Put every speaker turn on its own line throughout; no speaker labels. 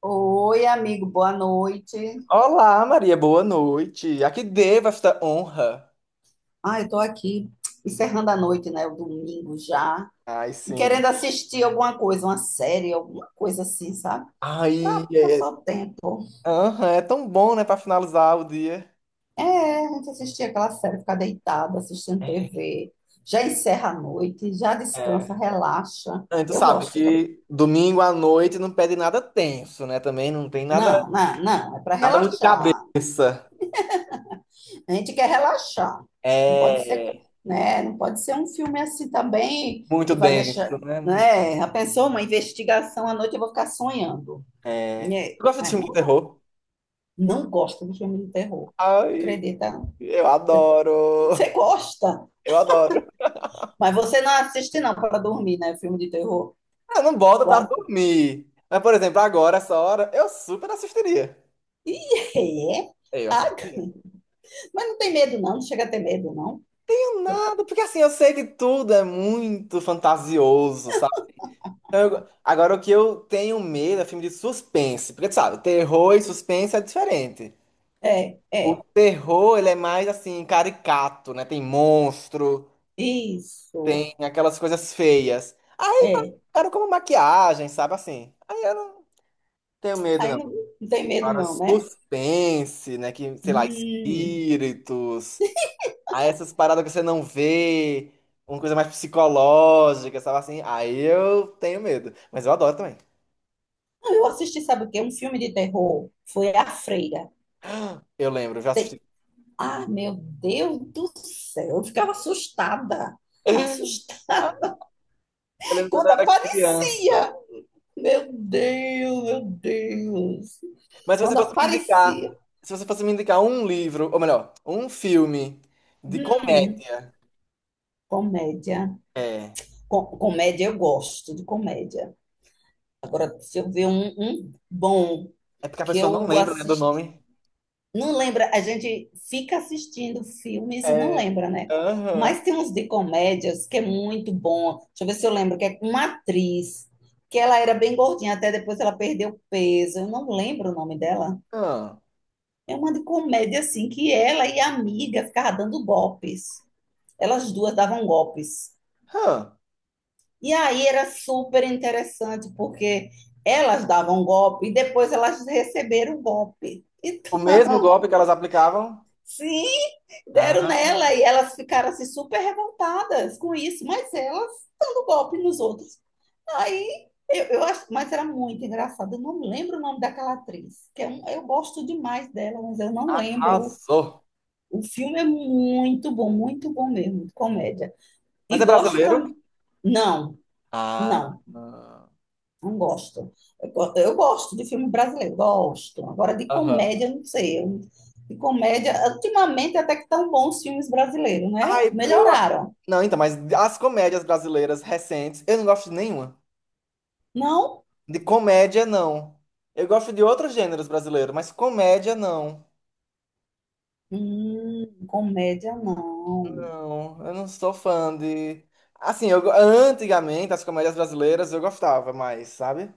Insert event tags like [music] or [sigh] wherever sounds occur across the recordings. Oi, amigo, boa noite.
Olá, Maria, boa noite. A que devo esta honra?
Ah, eu tô aqui encerrando a noite, né? O domingo já.
Ai,
E
sim.
querendo assistir alguma coisa, uma série, alguma coisa assim, sabe? Pra
Ai, é,
passar o tempo.
aham, é tão bom, né, pra finalizar o dia.
É, a gente assistir aquela série, ficar deitada, assistindo TV. Já encerra a noite, já descansa,
É.
relaxa.
Ah, e tu
Eu
sabe
gosto também.
que domingo à noite não pede nada tenso, né? Também não tem nada,
Não, não, não, é pra
nada muito
relaxar.
cabeça.
A gente quer relaxar. Não pode ser,
É,
né? Não pode ser um filme assim também
muito
que vai deixar,
denso, né?
né? Já pensou, uma investigação à noite eu vou ficar sonhando.
É.
Né?
Tu gosta de
Mas
filme de
não, dá.
terror?
Não gosto de filme de terror.
Ai,
Acredita? Não.
eu adoro.
Você gosta,
Eu adoro.
mas você não assiste não para dormir, né? Filme de terror.
Eu não boto pra
Uau.
dormir. Mas, por exemplo, agora, essa hora, eu super assistiria.
Ih, é?
É, eu assisto
Ah,
primeiro. Não
mas não tem medo não, não chega a ter medo não.
tenho nada, porque assim, eu sei que tudo é muito fantasioso, sabe? Então, agora, o que eu tenho medo é filme de suspense, porque tu sabe, terror e suspense é diferente.
É,
O
é,
terror, ele é mais assim, caricato, né? Tem monstro,
isso,
tem aquelas coisas feias.
é.
Cara, como maquiagem, sabe assim? Aí eu não tenho medo,
Aí
não.
não, não tem medo
Agora,
não, né?
suspense, né? Que, sei lá,
Hum.
espíritos. Aí essas paradas que você não vê, uma coisa mais psicológica, sabe assim? Aí eu tenho medo. Mas eu adoro também.
Eu assisti, sabe o quê? Um filme de terror. Foi A Freira.
Eu lembro, eu já assisti.
Ah, meu Deus do céu. Eu ficava assustada.
[laughs] Ah,
Assustada
eu
[laughs]
lembro quando
quando
eu era criança.
aparecia. Meu Deus, meu Deus.
Mas se você
Quando
fosse me indicar,
aparecia.
se você fosse me indicar um livro, ou melhor, um filme de
Hum,
comédia,
comédia.
é,
Comédia, eu gosto de comédia. Agora, se eu ver um bom
é porque a
que
pessoa não
eu
lembra, né, do
assisti.
nome.
Não lembra, a gente fica assistindo filmes e não
É,
lembra, né?
aham,
Mas tem uns de comédias que é muito bom. Deixa eu ver se eu lembro, que é com uma atriz, que ela era bem gordinha, até depois ela perdeu peso. Eu não lembro o nome dela.
aham,
É uma de comédia, assim, que ela e a amiga ficavam dando golpes. Elas duas davam golpes.
aham.
E aí era super interessante, porque elas davam golpe e depois elas receberam o golpe.
O mesmo golpe
Então,
que
[laughs]
elas aplicavam.
sim, deram
Ah,
nela e elas ficaram assim super revoltadas com isso, mas elas dando golpe nos outros. Aí eu acho, mas era muito engraçado. Eu não lembro o nome daquela atriz, que é um, eu gosto demais dela, mas eu não lembro.
arrasou.
O filme é muito bom mesmo, de comédia.
Mas
E
é
gosto
brasileiro?
também. Não,
Ah,
não.
não.
Não gosto. Eu gosto de filme brasileiro, gosto. Agora, de
Aham.
comédia, não sei. Eu... De comédia, ultimamente até que tão bons filmes brasileiros, né?
Ai, eu. a-
Melhoraram.
Não, então, mas as comédias brasileiras recentes, eu não gosto de nenhuma.
Não?
De comédia, não. Eu gosto de outros gêneros brasileiros, mas comédia, não.
Comédia, não.
Não, eu não sou fã de. Assim, antigamente, as comédias brasileiras eu gostava mais, sabe?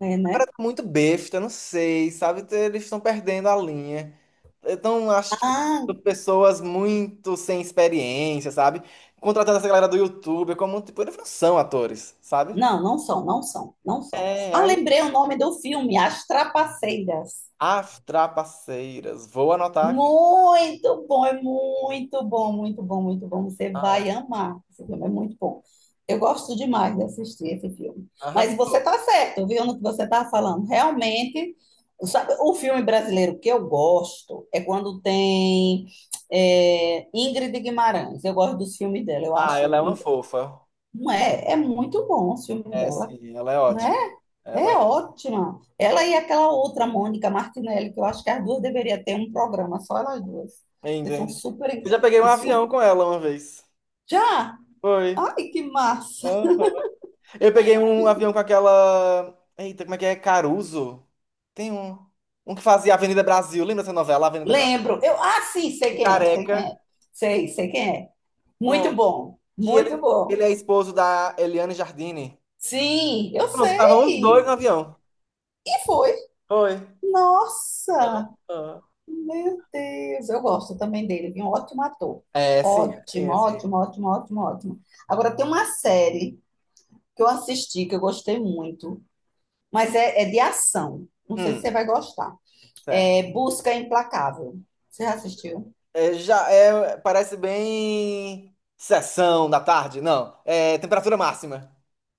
É,
Agora
né?
tá muito besta, não sei, sabe? Eles estão perdendo a linha. Então, acho
Ah,
que pessoas muito sem experiência, sabe? Contratando essa galera do YouTube, como, tipo, eles não são atores, sabe?
não, não são, não são, não são.
É,
Ah,
aí
lembrei o nome do filme, As Trapaceiras.
As Trapaceiras. Vou anotar aqui.
Muito bom, é muito bom, muito bom, muito bom. Você
Ah,
vai
é.
amar. Esse filme é muito bom. Eu gosto demais de assistir esse filme. Mas você
Arrasou.
está certo, viu, no que você está falando. Realmente, sabe, o filme brasileiro que eu gosto é quando tem é, Ingrid Guimarães. Eu gosto dos filmes dela, eu
Ah,
acho.
ela é uma fofa.
Não é, é muito bom o filme
É,
dela,
sim, ela é
né?
ótima. Ela
É
é.
ótima. Ela e aquela outra, Mônica Martinelli, que eu acho que as duas deveriam ter um programa, só elas duas. Porque são
Entende? Eu
super
já peguei um
e
avião
super.
com ela uma vez.
Já!
Foi.
Ai, que massa!
Aham. Eu peguei um avião com aquela. Eita, como é que é? Caruso? Tem um. Um que fazia Avenida Brasil. Lembra essa novela, Avenida Brasil?
Lembro. Eu, ah, sim, sei
Um
quem é, sei
careca.
quem é. Sei, sei quem é. Muito
Pronto.
bom,
Que
muito
ele,
bom.
ele é esposo da Eliane Jardine.
Sim, eu
Pronto, estavam os dois no
sei.
avião.
E foi.
Foi.
Nossa!
Aham.
Meu Deus, eu gosto também dele, ele é um ótimo ator.
É, sim, é, sim,
Ótimo,
é, sim.
ótimo, ótimo, ótimo, ótimo. Agora tem uma série que eu assisti, que eu gostei muito, mas é de ação. Não sei se
Hum,
você vai gostar.
certo.
É Busca Implacável. Você já assistiu?
É, já é, parece bem sessão da tarde, não. É temperatura máxima.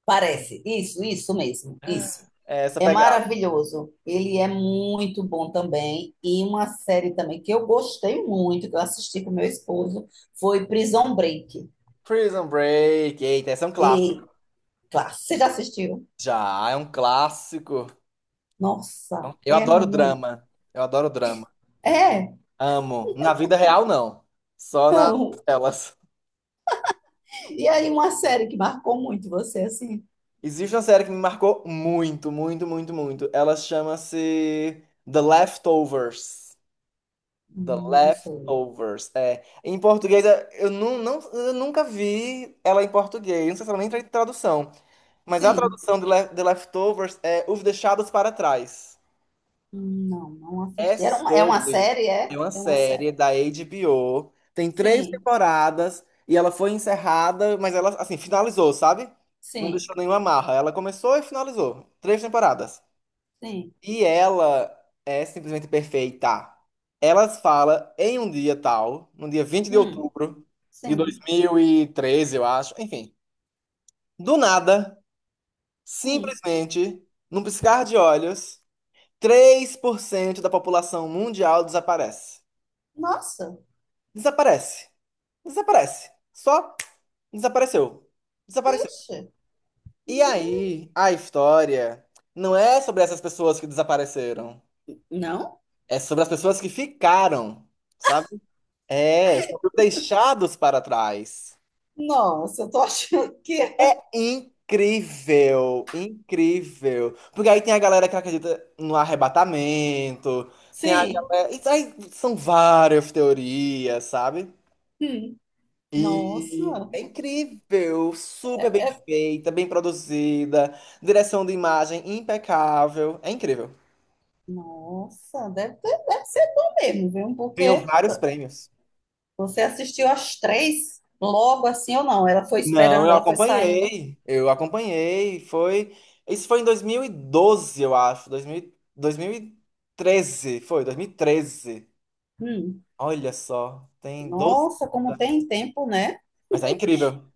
Parece. Isso mesmo. Isso.
É essa
É
pegada.
maravilhoso. Ele é muito bom também. E uma série também que eu gostei muito, que eu assisti com meu esposo, foi Prison Break.
Prison Break, eita, esse é um clássico.
E, claro, você já assistiu?
Já, é um clássico.
Nossa,
Eu
é
adoro
muito.
drama. Eu adoro drama.
É,
Amo. Na vida real, não. Só nas
não.
telas.
E aí, uma série que marcou muito você, assim?
Existe uma série que me marcou muito, muito, muito, muito. Ela chama-se The Leftovers. The
Não sei.
Leftovers. É. Em português, não, eu nunca vi ela em português. Não sei se ela nem tem tradução. Mas a
Sim.
tradução de The Leftovers é Os Deixados para Trás.
Não, não
É
assisti. É uma
sobre.
série, é?
É uma
É uma série.
série da HBO. Tem três
Sim,
temporadas. E ela foi encerrada, mas ela, assim, finalizou, sabe? Não
sim,
deixou nenhuma amarra. Ela começou e finalizou. Três temporadas.
sim.
E ela é simplesmente perfeita. Ela fala em um dia tal, no dia vinte de
Hum,
outubro de dois
sim.
mil e treze, eu acho. Enfim, do nada,
Hum.
simplesmente, num piscar de olhos, 3% da população mundial desaparece.
Nossa,
Desaparece. Desaparece. Só desapareceu. Desapareceu.
vixe.
E aí, a história não é sobre essas pessoas que desapareceram,
Não?
é sobre as pessoas que ficaram. Sabe? É, sobre os deixados para trás.
Nossa, eu tô achando que é. [laughs]
Incrível, incrível. Porque aí tem a galera que acredita no arrebatamento, tem a
Sim.
galera. Isso aí são várias teorias, sabe? E
Nossa,
é incrível, super bem
é...
feita, bem produzida, direção de imagem impecável. É incrível.
Deve ser bom mesmo, viu?
Ganhou
Porque
vários prêmios.
você assistiu as três logo assim ou não? Ela foi
Não,
esperando,
eu
ela foi saindo.
acompanhei. Eu acompanhei. Foi. Isso foi em 2012, eu acho. Dois mil e treze. Foi, 2013.
Hum.
Olha só, tem 12
Nossa, como
anos, né?
tem tempo, né?
Mas é incrível.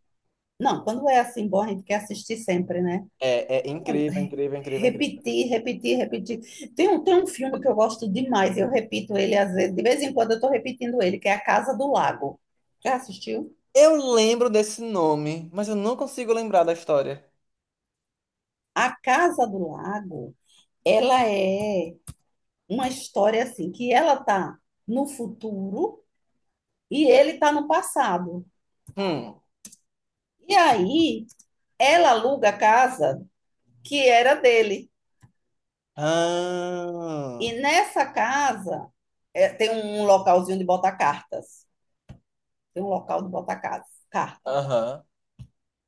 Não, quando é assim bom, a gente quer assistir sempre, né?
É, é incrível, incrível, incrível, incrível.
Repetir, repetir, repetir. Tem um filme que eu gosto demais, eu repito ele às vezes, de vez em quando eu estou repetindo ele, que é A Casa do Lago. Já assistiu?
Eu lembro desse nome, mas eu não consigo lembrar da história.
A Casa do Lago, ela é uma história assim, que ela tá no futuro e ele tá no passado.
Hum.
E aí, ela aluga a casa que era dele.
Ah,
E nessa casa, é, tem um localzinho de botar cartas. Tem um local de botar cartas.
aham.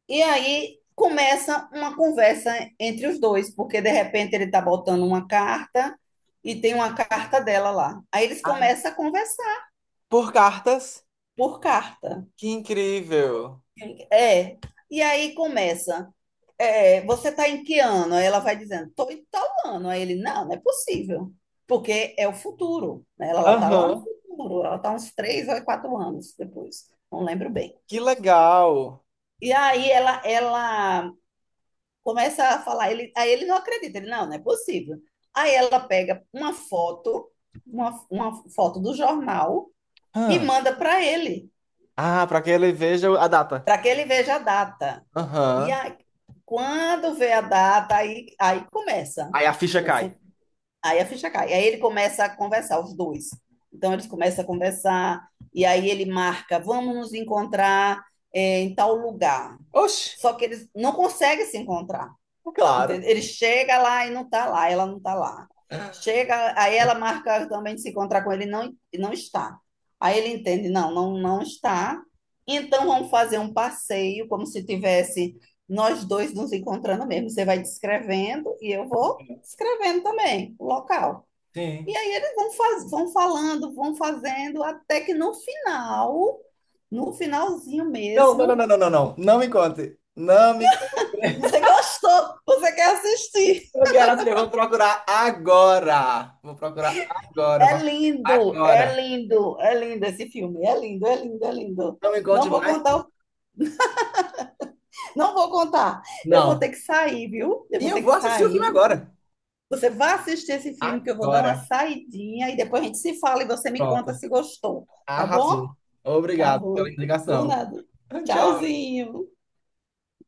E aí começa uma conversa entre os dois, porque de repente ele está botando uma carta e tem uma carta dela lá. Aí eles
Ah,
começam a conversar
por cartas?
por carta.
Que incrível.
É. E aí começa. É, você está em que ano? Aí ela vai dizendo, estou em tal ano. Aí ele, não, não é possível, porque é o futuro. Né? Ela está lá no
Aham.
futuro, ela está uns 3 ou 4 anos depois, não lembro bem.
Que legal.
E aí ela começa a falar, ele, aí ele não acredita, ele, não, não é possível. Aí ela pega uma foto, uma foto do jornal e manda para ele,
Ah, pra que ele veja a data.
para que ele veja a data. E
Aham.
aí, quando vê a data, aí começa,
Aí a ficha
o,
cai.
aí a ficha cai. Aí ele começa a conversar, os dois. Então eles começam a conversar, e aí ele marca, vamos nos encontrar em tal lugar.
Oxe,
Só que eles não conseguem se encontrar.
claro.
Entende? Ele chega lá e não está lá, ela não está lá. Chega, aí ela marca também de se encontrar com ele, e não está. Aí ele entende, não, não, não está. Então vamos fazer um passeio, como se tivesse nós dois nos encontrando mesmo. Você vai descrevendo e eu vou escrevendo também o local.
Sim.
E aí eles vão, faz, vão falando, vão fazendo, até que no final, no finalzinho
Não, não, não,
mesmo,
não, não, não, não. Não me conte. Não me conte.
você gostou, você quer assistir.
Eu quero saber. Vou procurar agora. Vou procurar agora. Vou
É
fazer
lindo,
agora.
é lindo, é lindo esse filme. É lindo, é lindo, é lindo.
Não me
Não
conte
vou
mais.
contar, o- não vou contar. Eu vou
Não.
ter que sair, viu? Eu
E
vou
eu
ter que
vou assistir o filme
sair.
agora.
Você vai assistir esse filme que eu vou dar
Agora.
uma saidinha e depois a gente se fala e você me
Pronto.
conta se gostou, tá
Arrasou.
bom? Tá
Obrigado pela
bom. Por
indicação.
nada.
[laughs] Tchau.
Tchauzinho.